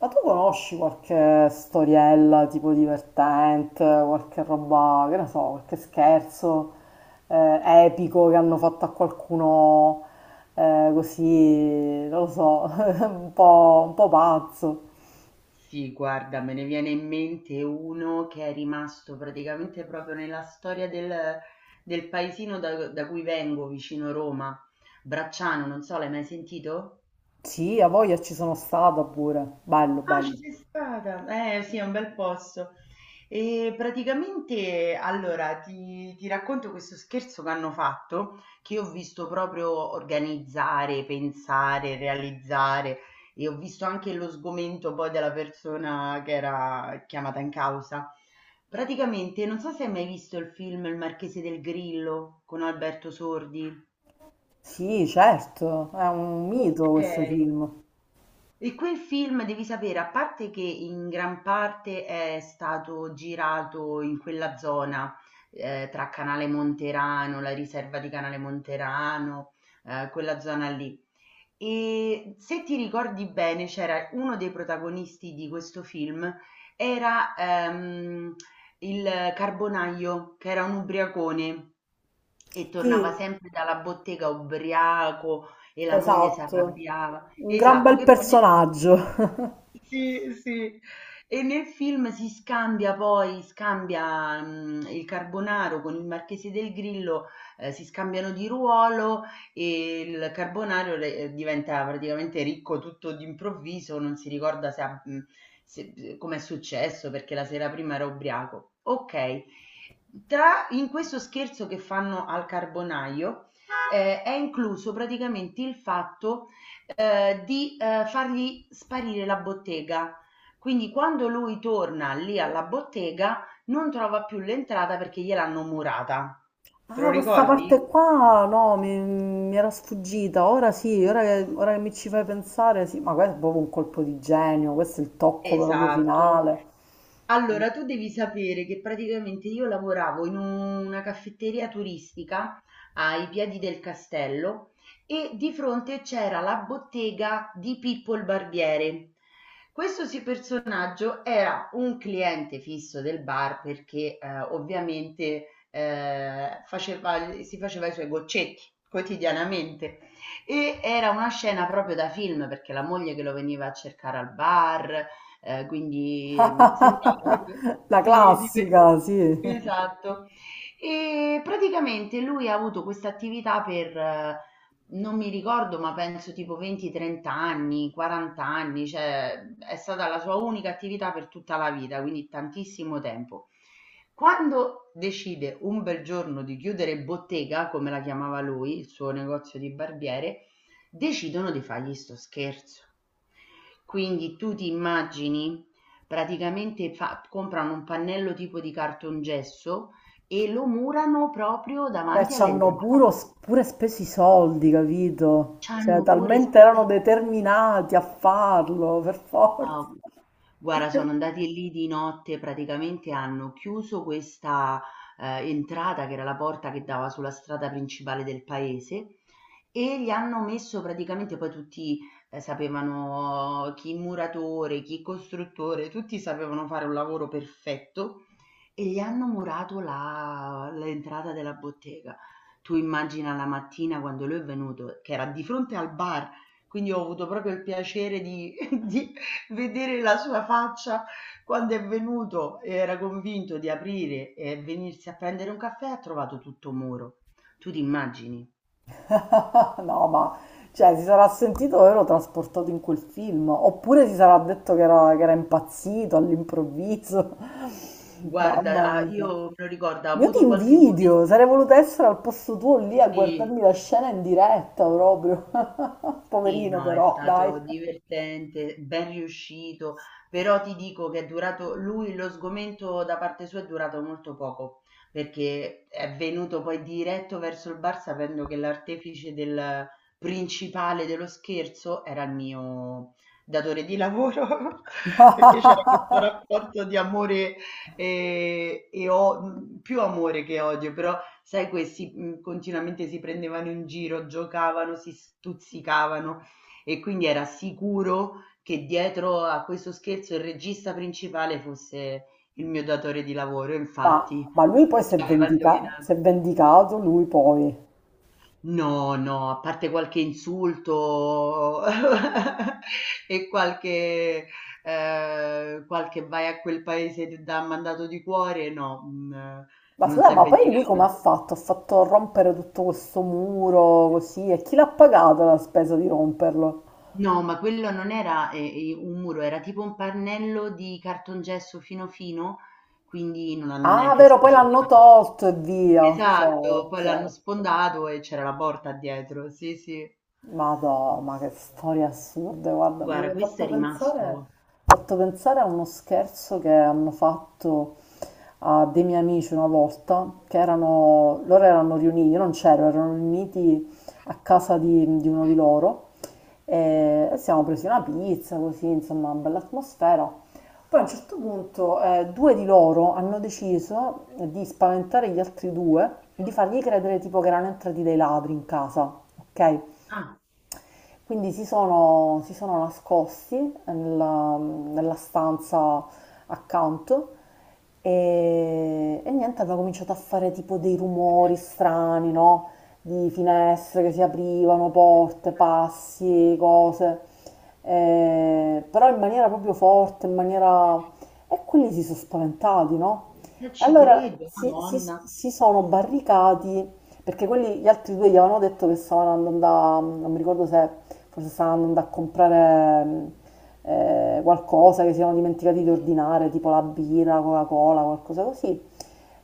Ma tu conosci qualche storiella tipo divertente, qualche roba, che ne so, qualche scherzo eh, epico che hanno fatto a qualcuno così, non lo so, un po' pazzo? Sì, guarda, me ne viene in mente uno che è rimasto praticamente proprio nella storia del paesino da cui vengo, vicino Roma, Bracciano, non so, l'hai mai sentito? Sì, a voglia ci sono stata pure. Bello, Ah, ci bello. sei stata? Eh sì, è un bel posto. E praticamente, allora, ti racconto questo scherzo che hanno fatto, che ho visto proprio organizzare, pensare, realizzare, e ho visto anche lo sgomento poi della persona che era chiamata in causa. Praticamente, non so se hai mai visto il film Il Marchese del Grillo con Alberto Sordi. Sì, certo, è un mito Ok, questo film. e quel film devi sapere, a parte che in gran parte è stato girato in quella zona, tra Canale Monterano, la riserva di Canale Monterano, quella zona lì. E se ti ricordi bene, c'era uno dei protagonisti di questo film, era il Carbonaio, che era un ubriacone e tornava Sì, sempre dalla bottega ubriaco e la moglie si esatto. arrabbiava. Un gran Esatto, bel che poi personaggio. sì, sì. E nel film si scambia poi, scambia il Carbonaro con il Marchese del Grillo, si scambiano di ruolo e il Carbonaro diventa praticamente ricco tutto d'improvviso, non si ricorda se ha, come è successo perché la sera prima era ubriaco. Ok, in questo scherzo che fanno al Carbonaio è incluso praticamente il fatto di fargli sparire la bottega. Quindi quando lui torna lì alla bottega non trova più l'entrata perché gliel'hanno murata. Te lo Ah, questa parte ricordi? qua no, mi era sfuggita. Ora sì, ora che mi ci fai pensare, sì, ma questo è proprio un colpo di genio, questo è il tocco proprio Esatto. finale. Allora, tu devi sapere che praticamente io lavoravo in una caffetteria turistica ai piedi del castello e di fronte c'era la bottega di Pippo il Barbiere. Questo sì personaggio era un cliente fisso del bar perché ovviamente faceva- si faceva i suoi goccetti quotidianamente e era una scena proprio da film perché la moglie che lo veniva a cercare al bar, quindi, sembrava proprio La sì, di que classica, sì. esatto. E praticamente lui ha avuto questa attività per non mi ricordo, ma penso tipo 20, 30 anni, 40 anni, cioè è stata la sua unica attività per tutta la vita, quindi tantissimo tempo. Quando decide un bel giorno di chiudere bottega, come la chiamava lui, il suo negozio di barbiere, decidono di fargli sto scherzo. Quindi tu ti immagini, praticamente comprano un pannello tipo di cartongesso e lo murano proprio Cioè, davanti all'entrata. Pure speso i soldi, capito? Cioè, C'hanno pure talmente erano spese. determinati a farlo, per Ah, forza. o guarda, sono andati lì di notte, praticamente hanno chiuso questa, entrata che era la porta che dava sulla strada principale del paese e gli hanno messo praticamente poi tutti, sapevano chi muratore, chi costruttore, tutti sapevano fare un lavoro perfetto e gli hanno murato la l'entrata della bottega. Tu immagina la mattina quando lui è venuto, che era di fronte al bar, quindi ho avuto proprio il piacere di di vedere la sua faccia quando è venuto, era convinto di aprire e venirsi a prendere un caffè, ha trovato tutto muro. Tu ti immagini? No, ma cioè, si sarà sentito ero trasportato in quel film, oppure si sarà detto che era impazzito all'improvviso. Guarda, Mamma ah, io mia. me lo ricordo, ha Io ti avuto qualche momento invidio, sarei voluta essere al posto tuo lì a sì. guardarmi la scena in diretta proprio. Sì, Poverino no, è però, dai. stato divertente, ben riuscito, però ti dico che è durato, lui lo sgomento da parte sua è durato molto poco, perché è venuto poi diretto verso il bar sapendo che l'artefice del principale dello scherzo era il mio datore di lavoro, perché c'era questo rapporto di amore più amore che odio, però sai questi, continuamente si prendevano in giro, giocavano, si stuzzicavano e quindi era sicuro che dietro a questo scherzo il regista principale fosse il mio datore di lavoro, e infatti, Ma lui poi ci aveva si è indovinato. vendicato, lui poi. No, no, a parte qualche insulto e qualche qualche "vai a quel paese, che ti dà mandato di cuore", no, Ma non scusa, s'è ma poi lui come vendicato. ha fatto? Ha fatto rompere tutto questo muro così e chi l'ha pagato la spesa di romperlo? No, ma quello non era, un muro, era tipo un pannello di cartongesso fino fino, quindi non hanno Ah, neanche vero, poi l'hanno specificato. tolto e via. Esatto, Ciao, poi l'hanno ciao. sfondato e c'era la porta dietro, sì, sì. Madò, ma che storie assurde, guarda, mi Guarda, ha questo è rimasto fatto pensare a uno scherzo che hanno fatto a dei miei amici una volta, che erano, loro erano riuniti, io non c'ero, erano riuniti a casa di uno di loro e siamo presi una pizza, così, insomma, una bella atmosfera. Poi a un certo punto due di loro hanno deciso di spaventare gli altri due, di fargli credere tipo che erano entrati dei ladri in casa, ok? ah, Quindi si sono nascosti nella stanza accanto e niente, aveva cominciato a fare tipo dei rumori strani, no? Di finestre che si aprivano, porte, passi, cose. Però in maniera proprio forte, in maniera... E quelli si sono spaventati, no? non E ci allora credo, Madonna, si sono barricati perché quelli, gli altri due gli avevano detto che stavano andando a, non mi ricordo se forse stavano andando a comprare qualcosa che si erano dimenticati di ordinare, tipo la birra, la Coca-Cola, qualcosa così.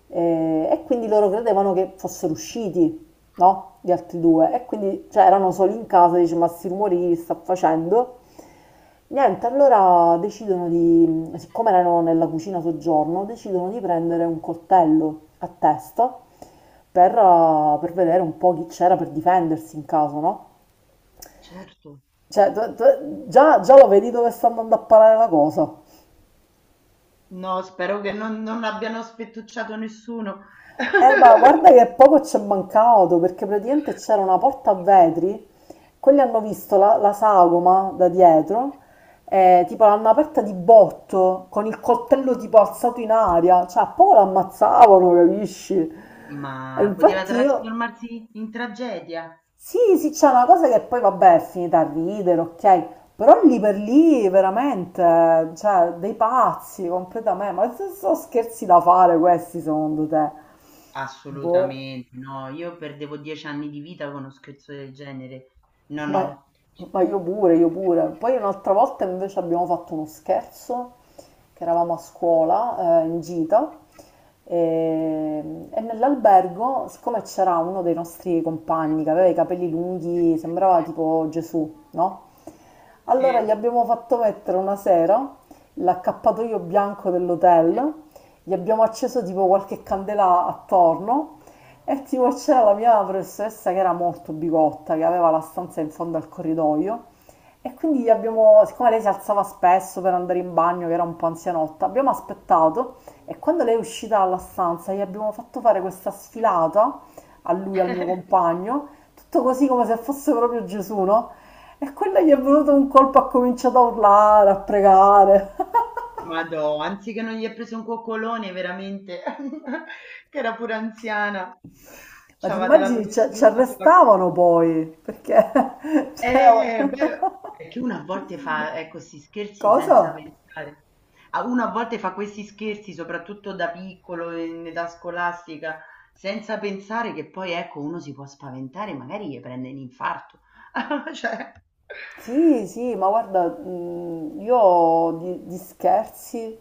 E quindi loro credevano che fossero usciti, no? Gli altri due. E quindi cioè, erano soli in casa, dice ma sti rumori che sta facendo? Niente, allora decidono di, siccome erano nella cucina soggiorno, decidono di prendere un coltello a testa per vedere un po' chi c'era per difendersi in caso, no? certo. Cioè, già lo vedi dove sta andando a parare la cosa. No, spero che non, non abbiano sfettucciato nessuno. Ma guarda che poco ci è mancato, perché praticamente c'era una porta a vetri, quelli hanno visto la sagoma da dietro, tipo l'hanno aperta di botto, con il coltello tipo alzato in aria, cioè a poco l'ammazzavano, capisci? E Ma poteva infatti io... trasformarsi in tragedia. Sì, sì, c'è una cosa che poi vabbè è finita a ridere, ok, però lì per lì veramente, cioè, dei pazzi completamente, ma se sono scherzi da fare questi secondo te? Boh. Assolutamente, no, io perdevo 10 anni di vita con uno scherzo del genere. No, Ma, no. ma io pure, io pure. Poi un'altra volta invece abbiamo fatto uno scherzo, che eravamo a scuola, in gita, e, e nell'albergo, siccome c'era uno dei nostri compagni che aveva i capelli lunghi, sembrava tipo Gesù, no? Allora gli Sì, abbiamo fatto mettere una sera l'accappatoio bianco dell'hotel, gli abbiamo acceso tipo qualche candela attorno e tipo c'era la mia professoressa che era molto bigotta, che aveva la stanza in fondo al corridoio e quindi gli abbiamo, siccome lei si alzava spesso per andare in bagno, che era un po' anzianotta, abbiamo aspettato e quando lei è uscita dalla stanza gli abbiamo fatto fare questa sfilata a lui, al mio compagno, tutto così come se fosse proprio Gesù, no? E quella gli è venuto un colpo, ha cominciato a urlare, a pregare. ma no, anziché non gli è preso un coccolone, veramente, che era pure anziana. Ma ti C'aveva della immagini, ci professoressa sulla arrestavano poi, perché... cioè, eh, beh, perché uno a volte fa, ecco, 'sti scherzi senza Cosa? pensare. A uno a volte fa questi scherzi, soprattutto da piccolo, in età scolastica, senza pensare che poi, ecco, uno si può spaventare, magari gli prende l'infarto. Cioè Sì, sì, ma guarda, io di scherzi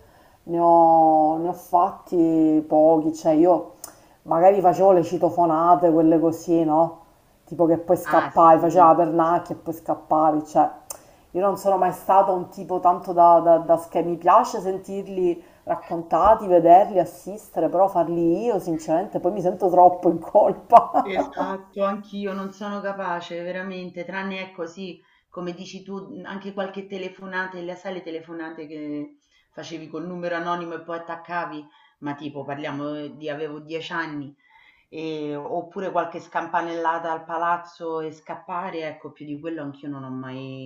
ne ho fatti pochi, cioè io magari facevo le citofonate, quelle così, no? Tipo che poi ah scappavi, faceva sì. la pernacchia e poi scappavi, cioè io non sono mai stato un tipo tanto da, da mi piace sentirli raccontati, vederli, assistere, però farli io sinceramente poi mi sento troppo in colpa. Esatto, anch'io non sono capace veramente, tranne ecco sì, come dici tu, anche qualche telefonata, sai le telefonate che facevi col numero anonimo e poi attaccavi, ma tipo parliamo di avevo 10 anni, oppure qualche scampanellata al palazzo e scappare, ecco, più di quello anch'io non ho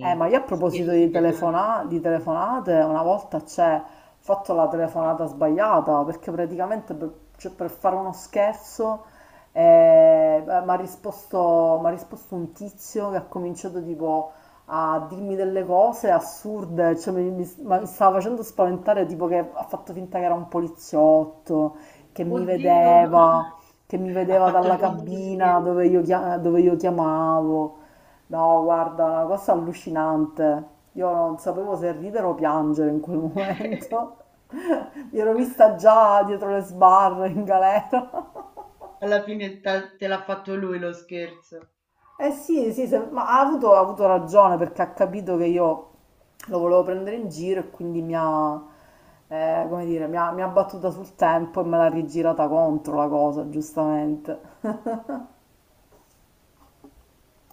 Ma io a proposito scherzi di, pesanti. Di telefonate, una volta c'è ho fatto la telefonata sbagliata perché praticamente per, cioè, per fare uno scherzo mi ha risposto, m'ha risposto un tizio che ha cominciato tipo a dirmi delle cose assurde, cioè, ma mi stava facendo spaventare, tipo che ha fatto finta che era un poliziotto, che mi Oddio, vedeva, che mi ha vedeva fatto dalla il contro cabina scherzo. Dove io chiamavo. No, guarda, una cosa allucinante. Io non sapevo se ridere o piangere in quel momento. Mi ero vista già dietro le sbarre in galera. Alla fine te l'ha fatto lui lo scherzo. Eh sì, sì, ma ha avuto ragione perché ha capito che io lo volevo prendere in giro e quindi mi ha, come dire, mi ha battuta sul tempo e me l'ha rigirata contro la cosa, giustamente.